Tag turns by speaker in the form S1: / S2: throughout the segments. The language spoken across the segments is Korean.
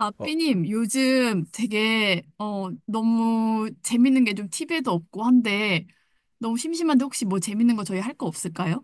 S1: 아,
S2: 어,
S1: 삐님, 요즘 되게, 너무 재밌는 게 좀 티비에도 없고 한데, 너무 심심한데 혹시 뭐 재밌는 거 저희 할 거 없을까요?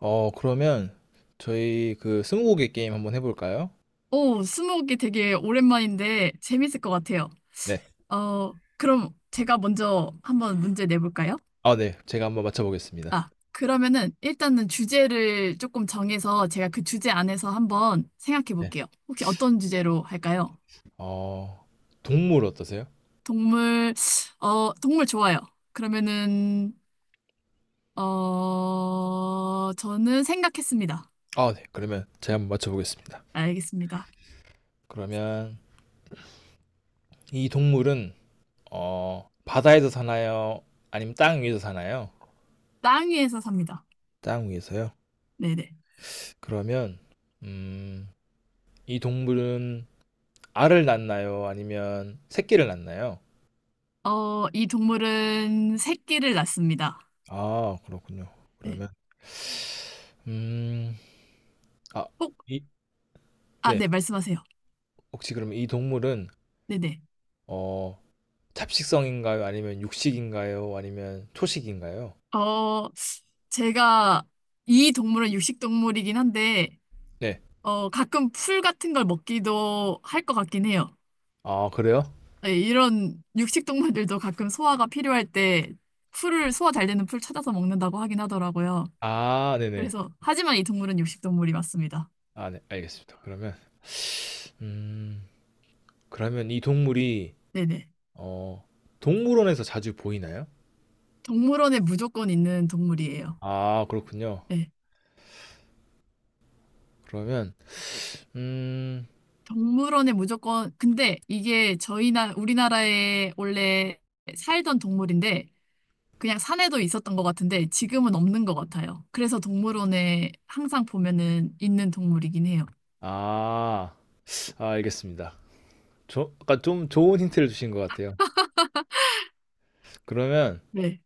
S2: 그러면 저희 그 스무고개 게임 한번 해볼까요?
S1: 오, 스무고개 되게 오랜만인데 재밌을 것 같아요.
S2: 네.
S1: 그럼 제가 먼저 한번 문제 내볼까요?
S2: 아, 네. 제가 한번 맞춰보겠습니다.
S1: 아, 그러면은 일단은 주제를 조금 정해서 제가 그 주제 안에서 한번 생각해
S2: 네.
S1: 볼게요. 혹시 어떤 주제로 할까요?
S2: 어, 동물 어떠세요?
S1: 동물, 동물 좋아요. 그러면은 저는 생각했습니다.
S2: 아, 네. 그러면 제가 한번 맞춰보겠습니다.
S1: 알겠습니다.
S2: 그러면 이 동물은 바다에서 사나요? 아니면 땅 위에서 사나요?
S1: 땅 위에서 삽니다.
S2: 땅 위에서요?
S1: 네네.
S2: 그러면 음, 이 동물은 알을 낳나요? 아니면 새끼를 낳나요?
S1: 어, 이 동물은 새끼를 낳습니다.
S2: 아, 그렇군요.
S1: 네.
S2: 그러면 음, 아,
S1: 혹,
S2: 이,
S1: 아,
S2: 네.
S1: 네, 말씀하세요.
S2: 혹시 그럼 이 동물은
S1: 네네.
S2: 어, 잡식성인가요? 아니면 육식인가요? 아니면 초식인가요?
S1: 어, 제가 이 동물은 육식 동물이긴 한데,
S2: 네.
S1: 가끔 풀 같은 걸 먹기도 할 것 같긴 해요.
S2: 아, 그래요?
S1: 네, 이런 육식 동물들도 가끔 소화가 필요할 때 풀을, 소화 잘 되는 풀 찾아서 먹는다고 하긴 하더라고요.
S2: 아, 네네.
S1: 그래서, 하지만 이 동물은 육식 동물이 맞습니다.
S2: 아, 네. 알겠습니다. 그러면 음, 그러면 이 동물이
S1: 네네.
S2: 어, 동물원에서 자주 보이나요?
S1: 동물원에 무조건 있는 동물이에요.
S2: 아, 그렇군요.
S1: 네.
S2: 그러면 음,
S1: 동물원에 무조건, 근데 이게 우리나라에 원래 살던 동물인데, 그냥 산에도 있었던 것 같은데, 지금은 없는 것 같아요. 그래서 동물원에 항상 보면은 있는 동물이긴 해요.
S2: 아, 아, 알겠습니다. 저, 아까 좀 좋은 힌트를 주신 것 같아요. 그러면
S1: 네.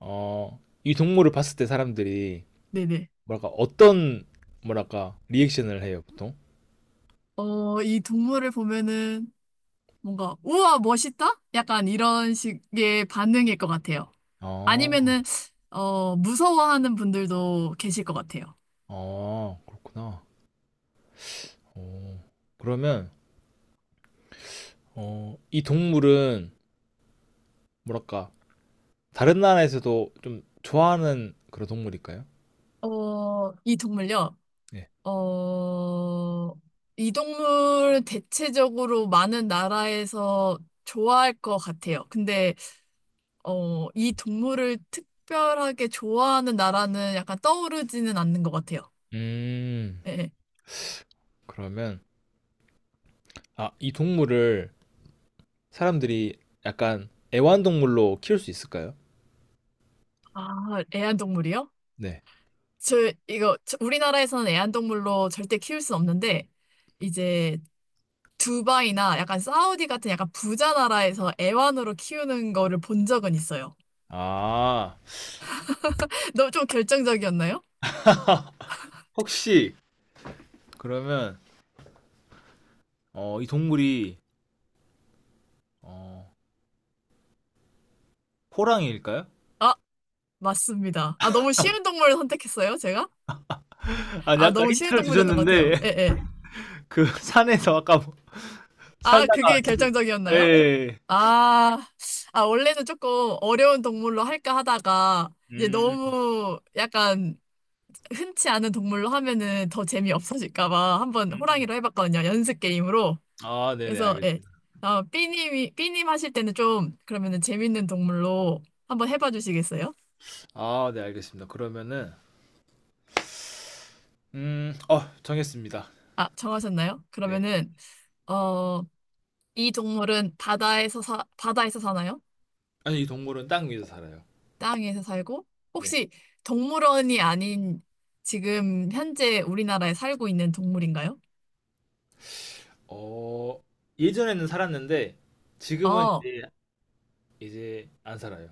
S2: 어, 이 동물을 봤을 때 사람들이
S1: 네네.
S2: 뭐랄까 어떤 뭐랄까 리액션을 해요, 보통?
S1: 어, 이 동물을 보면은 뭔가, 우와, 멋있다? 약간 이런 식의 반응일 것 같아요.
S2: 아.
S1: 아니면은, 무서워하는 분들도 계실 것 같아요.
S2: 아 그렇구나. 어. 그러면 어 이 동물은 뭐랄까 다른 나라에서도 좀 좋아하는 그런 동물일까요?
S1: 어, 이 동물요?
S2: 네.
S1: 어, 이 동물 대체적으로 많은 나라에서 좋아할 것 같아요. 근데, 이 동물을 특별하게 좋아하는 나라는 약간 떠오르지는 않는 것 같아요.
S2: 음.
S1: 예.
S2: 그러면 아 이 동물을 사람들이 약간 애완동물로 키울 수 있을까요?
S1: 아, 애완동물이요?
S2: 네.
S1: 저, 우리나라에서는 애완동물로 절대 키울 순 없는데, 이제, 두바이나 약간 사우디 같은 약간 부자 나라에서 애완으로 키우는 거를 본 적은 있어요.
S2: 아.
S1: 너무 좀 결정적이었나요?
S2: 혹시 그러면 어 이 동물이 어 호랑이일까요?
S1: 아, 맞습니다. 아, 너무 쉬운 동물을 선택했어요, 제가?
S2: 아니
S1: 아,
S2: 아까
S1: 너무 쉬운
S2: 힌트를
S1: 동물이었던 것
S2: 주셨는데
S1: 같아요. 예, 예.
S2: 그 산에서 아까 뭐
S1: 아,
S2: 살다가
S1: 그게
S2: 예
S1: 결정적이었나요?
S2: 예 예.
S1: 아, 아, 원래는 조금 어려운 동물로 할까 하다가, 이제
S2: 음.
S1: 너무 약간 흔치 않은 동물로 하면은 더 재미없어질까 봐 한번
S2: 음.
S1: 호랑이로 해봤거든요. 연습 게임으로.
S2: 아 네네.
S1: 그래서, 예.
S2: 알겠습니다.
S1: 아, 삐님이, 삐님 하실 때는 좀, 그러면은 재밌는 동물로 한번 해봐 주시겠어요?
S2: 아 네 알겠습니다. 그러면은 어 정했습니다.
S1: 아, 정하셨나요?
S2: 네.
S1: 그러면은, 어, 이 동물은 바다에서 사나요?
S2: 아니 이 동물은 땅 위에서 살아요.
S1: 땅 위에서 살고?
S2: 네.
S1: 혹시 동물원이 아닌 지금 현재 우리나라에 살고 있는 동물인가요?
S2: 어 예전에는 살았는데
S1: 어,
S2: 지금은
S1: 어,
S2: 이제 안 살아요.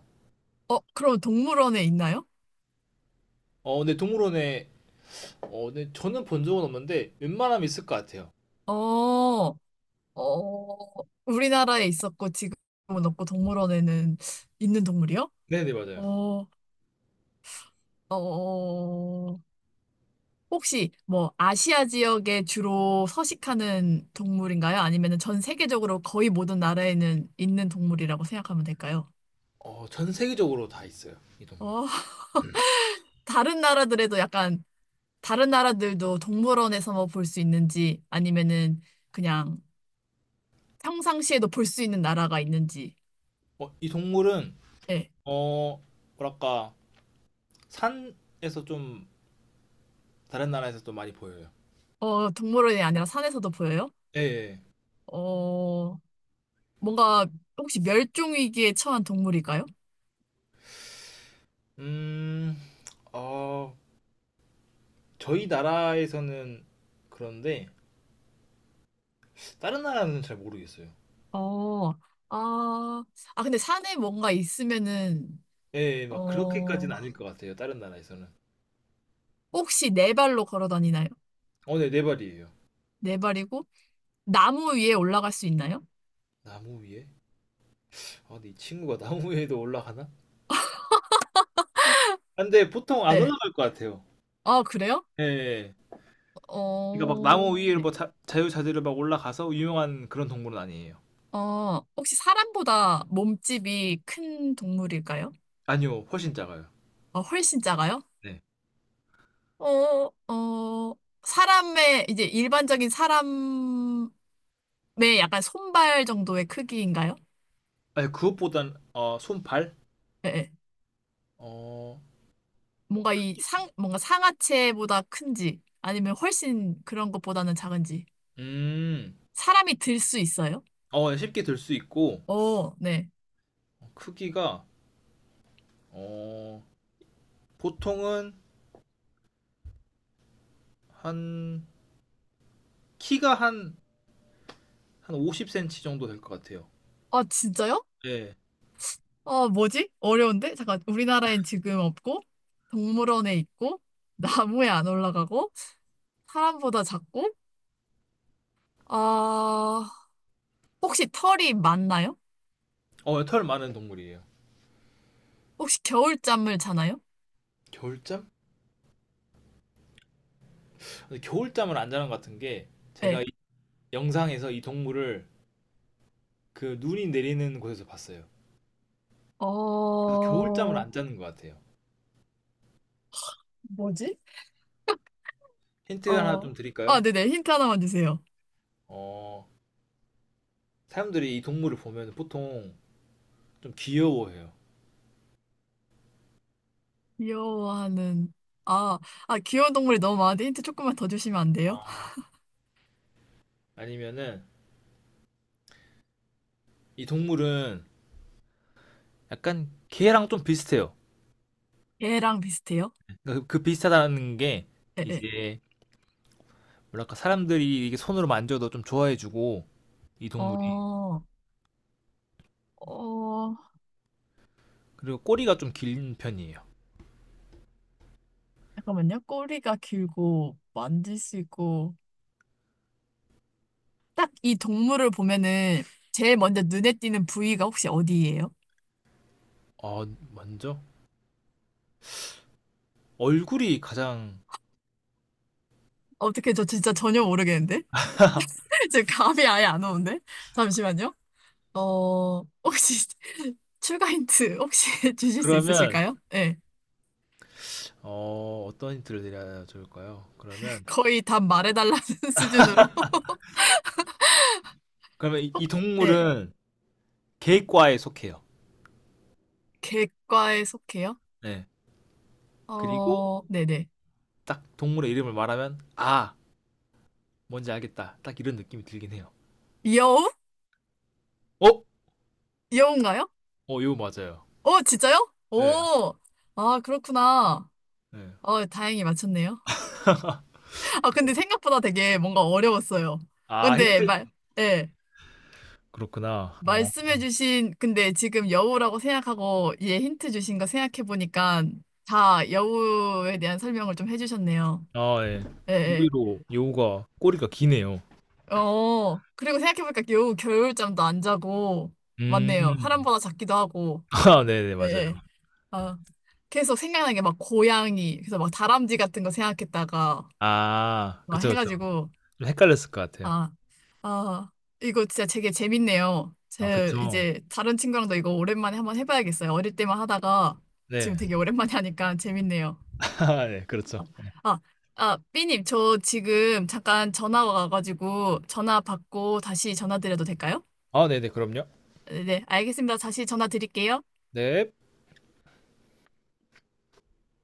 S1: 그럼 동물원에 있나요?
S2: 어 근데 동물원에 어 네 저는 본 적은 없는데 웬만하면 있을 것 같아요.
S1: 어, 어, 우리나라에 있었고 지금은 없고 동물원에는 있는 동물이요?
S2: 네네 맞아요.
S1: 어, 어, 어. 혹시 뭐 아시아 지역에 주로 서식하는 동물인가요? 아니면 전 세계적으로 거의 모든 나라에는 있는 동물이라고 생각하면 될까요?
S2: 어 전 세계적으로 다 있어요. 이 동물.
S1: 어, 다른 나라들에도 약간, 다른 나라들도 동물원에서 뭐 볼 수 있는지, 아니면은 그냥 평상시에도 볼 수 있는 나라가 있는지.
S2: 어 이 동물은
S1: 예.
S2: 어 뭐랄까 산에서 좀 다른 나라에서 또 많이 보여요.
S1: 어, 동물원이 아니라 산에서도 보여요?
S2: 예예.
S1: 어, 뭔가 혹시 멸종위기에 처한 동물일까요?
S2: 음 어, 저희 나라에서는 그런데 다른 나라는 잘 모르겠어요.
S1: 어, 아, 아, 근데 산에 뭔가 있으면은,
S2: 예, 예, 막
S1: 어,
S2: 그렇게까지는 아닐 것 같아요. 다른 나라에서는.
S1: 혹시 네 발로 걸어 다니나요?
S2: 어, 네, 네 발이에요.
S1: 네 발이고, 나무 위에 올라갈 수 있나요?
S2: 나무 위에? 아, 근데 이 친구가 나무 위에도 올라가나? 아, 근데 보통 안
S1: 네.
S2: 올라갈 것 같아요.
S1: 아, 그래요?
S2: 예, 예. 예. 그러니까 막
S1: 어,
S2: 나무 위에
S1: 네.
S2: 뭐 자유자재로 막 올라가서 유명한 그런 동물은 아니에요.
S1: 혹시 사람보다 몸집이 큰 동물일까요?
S2: 아니요, 훨씬 작아요.
S1: 어, 훨씬 작아요?
S2: 네.
S1: 어, 어, 이제 일반적인 사람의 약간 손발 정도의 크기인가요?
S2: 아니, 그것보단 어, 손발?
S1: 예, 예.
S2: 어,
S1: 뭔가 뭔가 상하체보다 큰지, 아니면 훨씬 그런 것보다는 작은지.
S2: 음,
S1: 사람이 들 수 있어요?
S2: 어, 네, 쉽게 들 수 있고
S1: 어, 네.
S2: 크기가 어, 보통은 한 키가 한 50cm 정도 될 것 같아요.
S1: 아, 진짜요?
S2: 예.
S1: 아, 뭐지? 어려운데? 잠깐, 우리나라엔 지금 없고, 동물원에 있고, 나무에 안 올라가고, 사람보다 작고, 아, 혹시 털이 많나요?
S2: 어, 털 많은 동물이에요.
S1: 혹시 겨울잠을 자나요?
S2: 겨울잠? 근데 겨울잠을 안 자는 것 같은 게 제가
S1: 네.
S2: 이 영상에서 이 동물을 그 눈이 내리는 곳에서 봤어요. 그래서 겨울잠을
S1: 어,
S2: 안 자는 것 같아요.
S1: 뭐지?
S2: 힌트 하나
S1: 어,
S2: 좀
S1: 아,
S2: 드릴까요?
S1: 네네. 힌트 하나만 주세요.
S2: 어, 사람들이 이 동물을 보면 보통 좀 귀여워해요.
S1: 귀여워하는, 아, 아, 귀여운 동물이 너무 많은데 힌트 조금만 더 주시면 안 돼요?
S2: 어, 아니면은 이 동물은 약간 개랑 좀 비슷해요.
S1: 개랑 비슷해요?
S2: 그러니까 그 비슷하다는 게
S1: 예, 예.
S2: 이제 뭐랄까 사람들이 이게 손으로 만져도 좀 좋아해주고 이 동물이.
S1: 어, 어,
S2: 그리고 꼬리가 좀 긴 편이에요.
S1: 잠깐만요. 꼬리가 길고, 만질 수 있고. 딱 이 동물을 보면은 제일 먼저 눈에 띄는 부위가 혹시 어디예요?
S2: 어, 먼저 얼굴이 가장
S1: 어떻게 저 진짜 전혀 모르겠는데? 지금 감이 아예 안 오는데? 잠시만요. 어, 혹시 출가 힌트 혹시 주실 수
S2: 그러면
S1: 있으실까요? 네.
S2: 어, 어떤 힌트를 드려야 좋을까요? 그러면
S1: 거의 답 말해달라는 수준으로.
S2: 그러면 이
S1: 네.
S2: 동물은 개과에 속해요.
S1: 객과에 속해요?
S2: 네. 그리고
S1: 어, 네네.
S2: 딱 동물의 이름을 말하면 아, 뭔지 알겠다. 딱 이런 느낌이 들긴 해요.
S1: 여우?
S2: 어?
S1: 여우인가요?
S2: 어, 이거 맞아요.
S1: 어, 진짜요?
S2: 네.
S1: 오, 아, 그렇구나.
S2: 네.
S1: 어, 다행히 맞췄네요. 아, 근데 생각보다 되게 뭔가 어려웠어요.
S2: 아,
S1: 근데
S2: 힌트.
S1: 말, 예.
S2: 그렇구나. 어.
S1: 말씀해주신, 근데 지금 여우라고 생각하고 얘 힌트 주신 거 생각해보니까 다 여우에 대한 설명을 좀 해주셨네요.
S2: 아, 예.
S1: 예, 예.
S2: 의외로 여우가 꼬리가 기네요.
S1: 어, 그리고 생각해보니까 여우 겨울잠도 안 자고, 맞네요.
S2: 음.
S1: 사람보다 작기도 하고,
S2: 아, 네네,
S1: 예,
S2: 맞아요.
S1: 예. 아, 계속 생각나는 게 막 고양이, 그래서 막 다람쥐 같은 거 생각했다가
S2: 아,
S1: 막
S2: 그쵸, 그쵸.
S1: 해가지고,
S2: 좀 헷갈렸을 것 같아요.
S1: 아, 아, 이거 진짜 되게 재밌네요.
S2: 아
S1: 제
S2: 그쵸.
S1: 이제 다른 친구랑도 이거 오랜만에 한번 해봐야겠어요. 어릴 때만 하다가 지금
S2: 네.
S1: 되게 오랜만에 하니까 재밌네요.
S2: 네 그렇죠. 네.
S1: 아, 아, 삐님, 저 지금 잠깐 전화 와가지고 전화 받고 다시 전화 드려도 될까요?
S2: 아 네네 그럼요.
S1: 네, 네, 알겠습니다. 다시 전화 드릴게요.
S2: 네.